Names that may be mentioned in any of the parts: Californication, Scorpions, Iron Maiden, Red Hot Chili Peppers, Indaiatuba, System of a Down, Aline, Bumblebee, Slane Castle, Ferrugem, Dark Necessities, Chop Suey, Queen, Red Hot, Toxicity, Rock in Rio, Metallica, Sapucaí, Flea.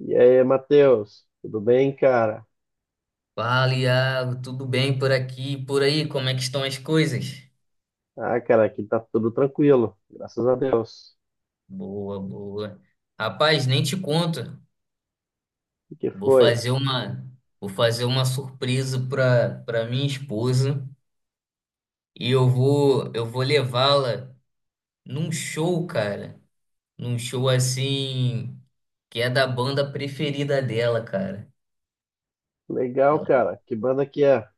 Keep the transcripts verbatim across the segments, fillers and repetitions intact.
E aí, Matheus, tudo bem, cara? Fala, Iago, tudo bem por aqui, e por aí, como é que estão as coisas? Ah, cara, aqui tá tudo tranquilo, graças a Deus. Boa, boa. Rapaz, nem te conto. O que Vou foi? fazer uma, vou fazer uma surpresa para para minha esposa e eu vou eu vou levá-la num show, cara. Num show assim que é da banda preferida dela, cara. Legal, Ela, cara. Que banda que é?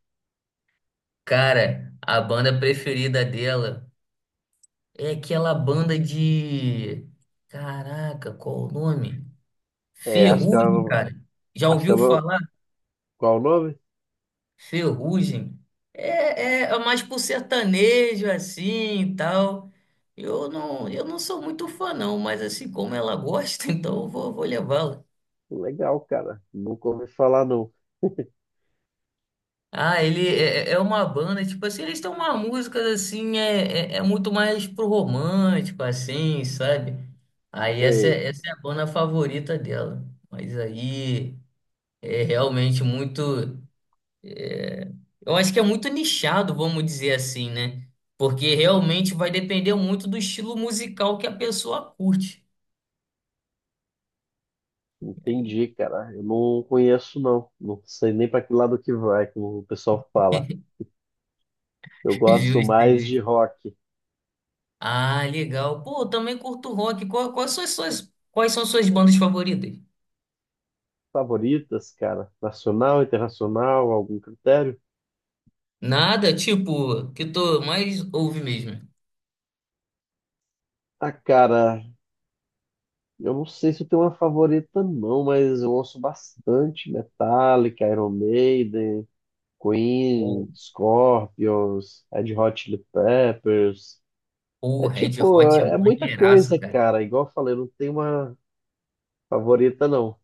cara, a banda preferida dela é aquela banda de Caraca, qual o nome? É, acho que Ferrugem, ela, cara. Já acho que ouviu ela, falar? qual o nome? Ferrugem. É, é, é mais pro sertanejo, assim, e tal. Eu não, eu não sou muito fã, não. Mas, assim, como ela gosta, então eu vou, vou levá-la. Legal, cara. Nunca ouvi falar, não. Ah, ele é, é é uma banda, tipo assim, eles têm uma música, assim, é, é, é muito mais pro romântico, assim, sabe? Aí essa, Sei, é- essa é a banda favorita dela. Mas aí é realmente muito. Eu acho que é muito nichado, vamos dizer assim, né? Porque realmente vai depender muito do estilo musical que a pessoa curte. entendi, cara. Eu não conheço, não. Não sei nem pra que lado que vai, como o pessoal fala. Eu gosto Justo, mais de justo. rock. Ah, legal. Pô, eu também curto rock. Qual- quais são as suas, quais são as suas bandas favoritas? Favoritas, cara? Nacional, internacional, algum critério? Nada, tipo, que tu mais ouve mesmo. Ah, cara, Eu não sei se eu tenho uma favorita, não, mas eu ouço bastante Metallica, Iron Maiden, Pô, Queen, Scorpions, Red Hot Chili Peppers. É pô, Red tipo, Hot é é muita maneiraço, coisa, cara. cara. Igual eu falei, eu não tenho uma favorita, não.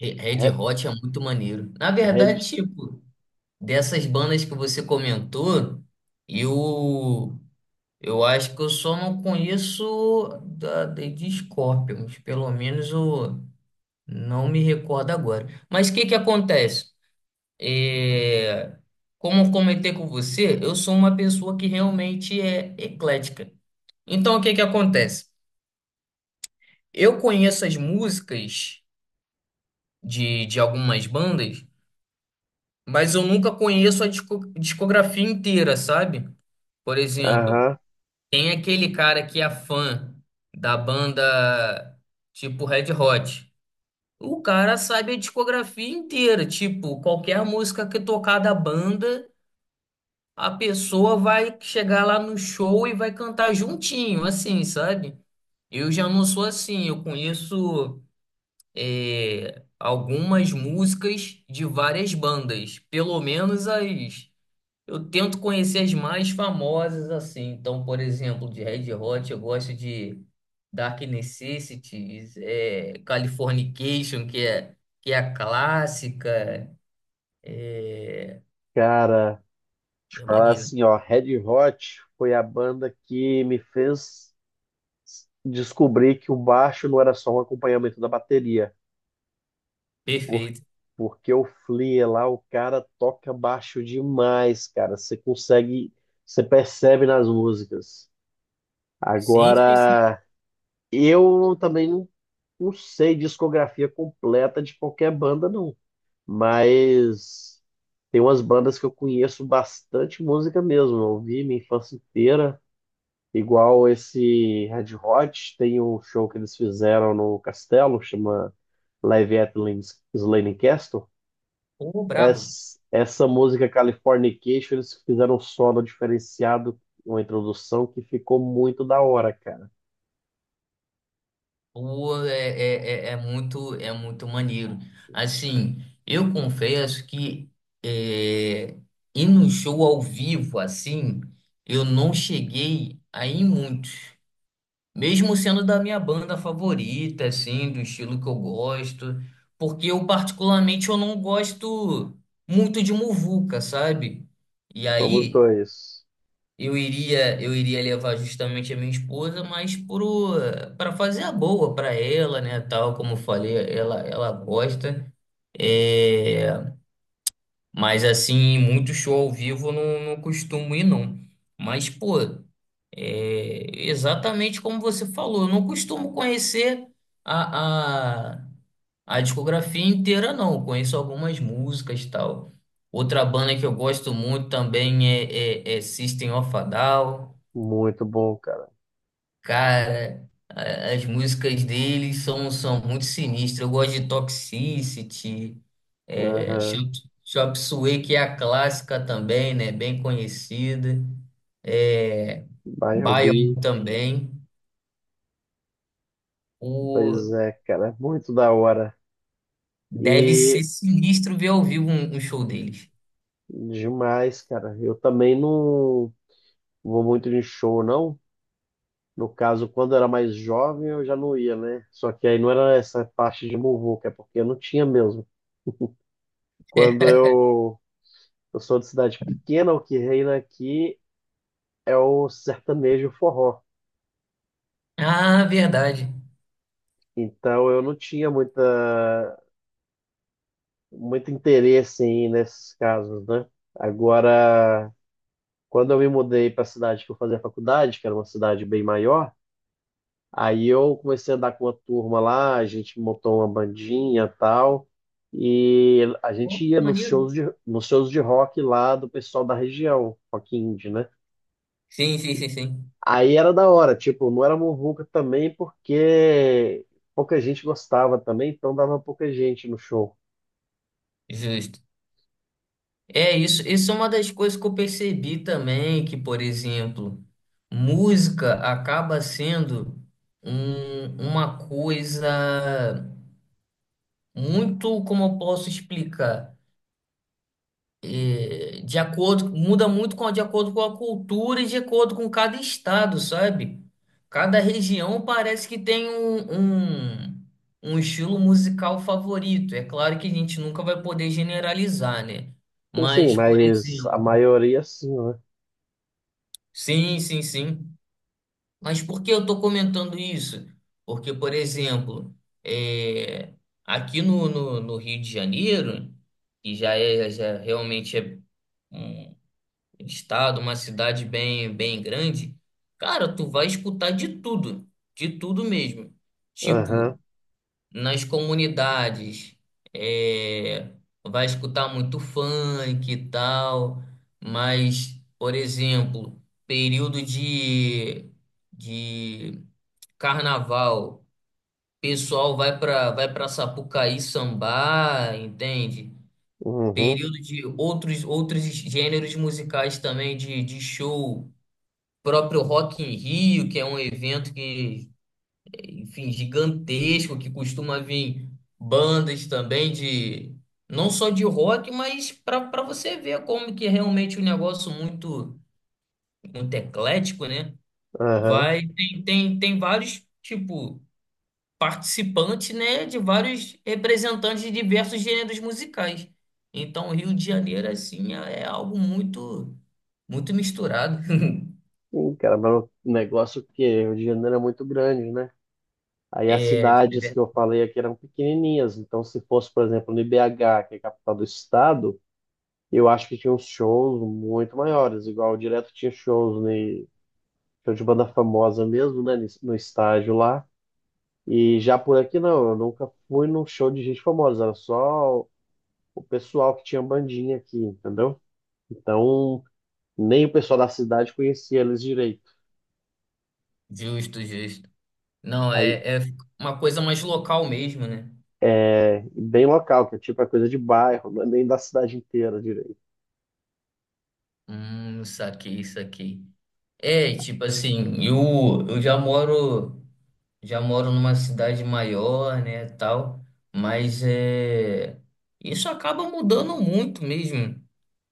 Re- Red Re- Hot é muito maneiro. Na Red, verdade, tipo, dessas bandas que você comentou, eu. Eu acho que eu só não conheço da, de, de Scorpions, pelo menos eu não me recordo agora. Mas o que que acontece? É, como eu comentei com você, eu sou uma pessoa que realmente é eclética. Então o que que acontece? Eu conheço as músicas de, de algumas bandas, mas eu nunca conheço a disco- discografia inteira, sabe? Por exemplo. aham, Tem aquele cara que é fã da banda tipo Red Hot. O cara sabe a discografia inteira. Tipo, qualquer música que tocar da banda, a pessoa vai chegar lá no show e vai cantar juntinho, assim, sabe? Eu já não sou assim. Eu conheço eh, algumas músicas de várias bandas, pelo menos as. Eu tento conhecer as mais famosas assim. Então, por exemplo, de Red Hot, eu gosto de Dark Necessities, é, Californication, que é, que é a clássica. É, cara, deixa eu é falar maneiro. assim, ó, Red Hot foi a banda que me fez descobrir que o baixo não era só um acompanhamento da bateria. Por- Perfeito. Porque o Flea lá, o cara toca baixo demais, cara. Você consegue, você percebe nas músicas. Sim, sim, sim. Agora, eu também não, não sei discografia completa de qualquer banda, não. Mas tem umas bandas que eu conheço bastante música mesmo. Eu ouvi minha infância inteira. Igual esse Red Hot, tem um show que eles fizeram no Castelo, chama Live at Lin- Slane Castle. Pô, brabo. Essa, essa música Californication, eles fizeram um solo diferenciado, uma introdução que ficou muito da hora, cara. Pô, é, é, é é muito, é muito maneiro. Assim, eu confesso que é, ir no show ao vivo, assim, eu não cheguei a ir muito. Mesmo sendo da minha banda favorita, assim, do estilo que eu gosto, porque eu particularmente eu não gosto muito de muvuca, sabe? E Somos aí dois. eu iria eu iria levar justamente a minha esposa, mas pro para fazer a boa para ela, né, tal, como eu falei, ela ela gosta. É, mas assim, muito show ao vivo eu não, não costumo ir, não. Mas, pô, é exatamente como você falou, eu não costumo conhecer a, a, a discografia inteira, não. Eu conheço algumas músicas e tal. Outra banda que eu gosto muito também é, é, é System of a Down. Muito bom, cara. Cara, a- as músicas dele são, são muito sinistras. Eu gosto de Toxicity, é, Aham. Chop Chop Suey, que é a clássica também, né? Bem conhecida. É, Bion Bumblebee, também. pois O, é, cara, muito da hora. deve E ser sinistro ver ao vivo um, um show deles. demais, cara. Eu também não vou muito de show, não. No caso, quando eu era mais jovem, eu já não ia, né? Só que aí não era essa parte de muvuca, é porque eu não tinha mesmo. Quando eu, eu sou de cidade pequena, o que reina aqui é o sertanejo forró. Ah, verdade. Então eu não tinha muita, muito interesse em ir nesses casos, né? Agora, quando eu me mudei para a cidade que eu fazia faculdade, que era uma cidade bem maior, aí eu comecei a andar com uma turma lá, a gente montou uma bandinha e tal, e a gente Pô, ia que nos maneiro. shows de, nos shows de rock lá do pessoal da região, rock indie, né? Sim, sim, sim, sim. Aí era da hora, tipo, não era muvuca também, porque pouca gente gostava também, então dava pouca gente no show. Justo. É isso, isso é uma das coisas que eu percebi também, que, por exemplo, música acaba sendo um- uma coisa muito, como eu posso explicar, é, de acordo, muda muito com, de acordo com a cultura e de acordo com cada estado, sabe? Cada região parece que tem um, um um estilo musical favorito. É claro que a gente nunca vai poder generalizar, né? Sim, sim, Mas, por mas a exemplo, maioria sim, né? sim, sim, sim. Mas por que eu estou comentando isso? Porque, por exemplo, é, aqui no, no, no Rio de Janeiro, que já é já realmente é um estado, uma cidade bem, bem grande, cara, tu vai escutar de tudo, de tudo mesmo. Aham, Tipo, nas comunidades é, vai escutar muito funk e tal, mas, por exemplo, período de, de carnaval, pessoal vai para vai para Sapucaí sambar, entende? uhum, Período de outros outros gêneros musicais também de, de show, próprio Rock in Rio, que é um evento que enfim, gigantesco, que costuma vir bandas também de, não só de rock, mas para para você ver como que é realmente um negócio muito, muito eclético, né? aham. Vai, tem, tem, tem vários, tipo, participantes, né, de vários representantes de diversos gêneros musicais. Então, o Rio de Janeiro, assim, é é algo muito, muito misturado. Sim, cara, mas o negócio é que o Rio de Janeiro é muito grande, né? Aí as É, cidades que eu falei aqui eram pequenininhas, então se fosse, por exemplo, no I B H, que é a capital do estado, eu acho que tinha uns shows muito maiores, igual direto tinha shows ne, show de banda famosa mesmo, né, nesse- no estádio lá. E já por aqui não, eu nunca fui num show de gente famosa, era só o pessoal que tinha bandinha aqui, entendeu? Então, nem o pessoal da cidade conhecia eles direito. justo, justo. Não, Aí é, é uma coisa mais local mesmo, né? é bem local, que é tipo a coisa de bairro, não é nem da cidade inteira direito. Hum, saquei, saquei. É, tipo assim, eu, eu já moro, já moro numa cidade maior, né, tal, mas é, isso acaba mudando muito mesmo,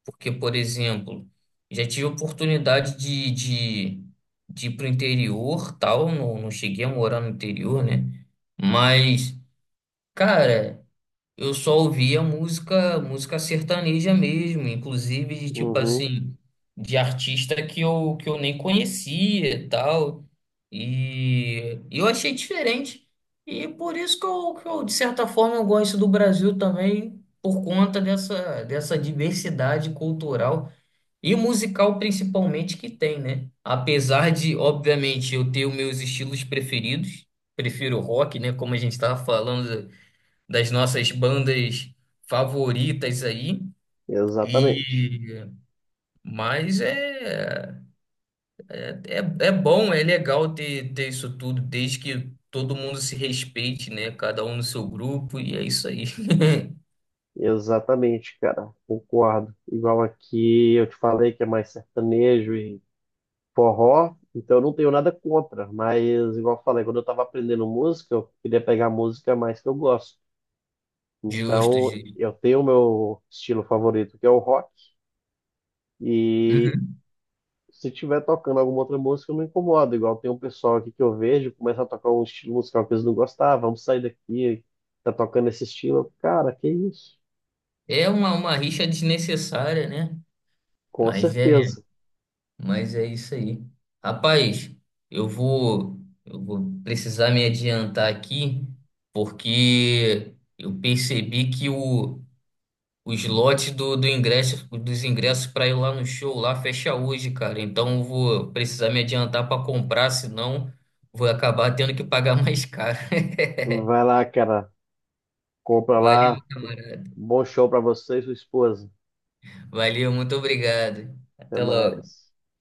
porque, por exemplo, já tive oportunidade de, de, de ir pro interior, tal, não, não cheguei a morar no interior, né, mas, cara... Eu só ouvia música, música sertaneja mesmo, inclusive de tipo Uhum. assim, de artista que eu, que eu nem conhecia e tal. E e eu achei diferente. E por isso que eu, que eu, de certa forma, eu gosto do Brasil também, por conta dessa, dessa diversidade cultural e musical principalmente que tem, né? Apesar de, obviamente, eu ter os meus estilos preferidos, prefiro rock, né? Como a gente estava falando das nossas bandas favoritas aí. Exatamente. E mas é, é, é bom, é legal ter, ter isso tudo, desde que todo mundo se respeite, né? Cada um no seu grupo, e é isso aí. Exatamente, cara. Concordo. Igual aqui eu te falei que é mais sertanejo e forró, então eu não tenho nada contra, mas igual eu falei, quando eu tava aprendendo música, eu queria pegar a música mais que eu gosto. Justo, Então, Gil. eu tenho o meu estilo favorito, que é o rock, e Uhum. se tiver tocando alguma outra música, eu não incomodo. Igual tem um pessoal aqui que eu vejo, começa a tocar um estilo musical que eles não gostavam, "Ah, vamos sair daqui, tá tocando esse estilo. Cara, que isso?" É uma, uma rixa desnecessária, né? Com Mas é, certeza. mas é isso aí. Rapaz, eu vou, eu vou precisar me adiantar aqui, porque eu percebi que o os lotes do, do ingresso, dos ingressos para ir lá no show lá fecha hoje, cara. Então eu vou precisar me adiantar para comprar, senão vou acabar tendo que pagar mais caro. Vai lá, cara. Compra Valeu, lá. camarada. Bom show pra você e sua esposa. Valeu, muito obrigado. Até Até logo. mais.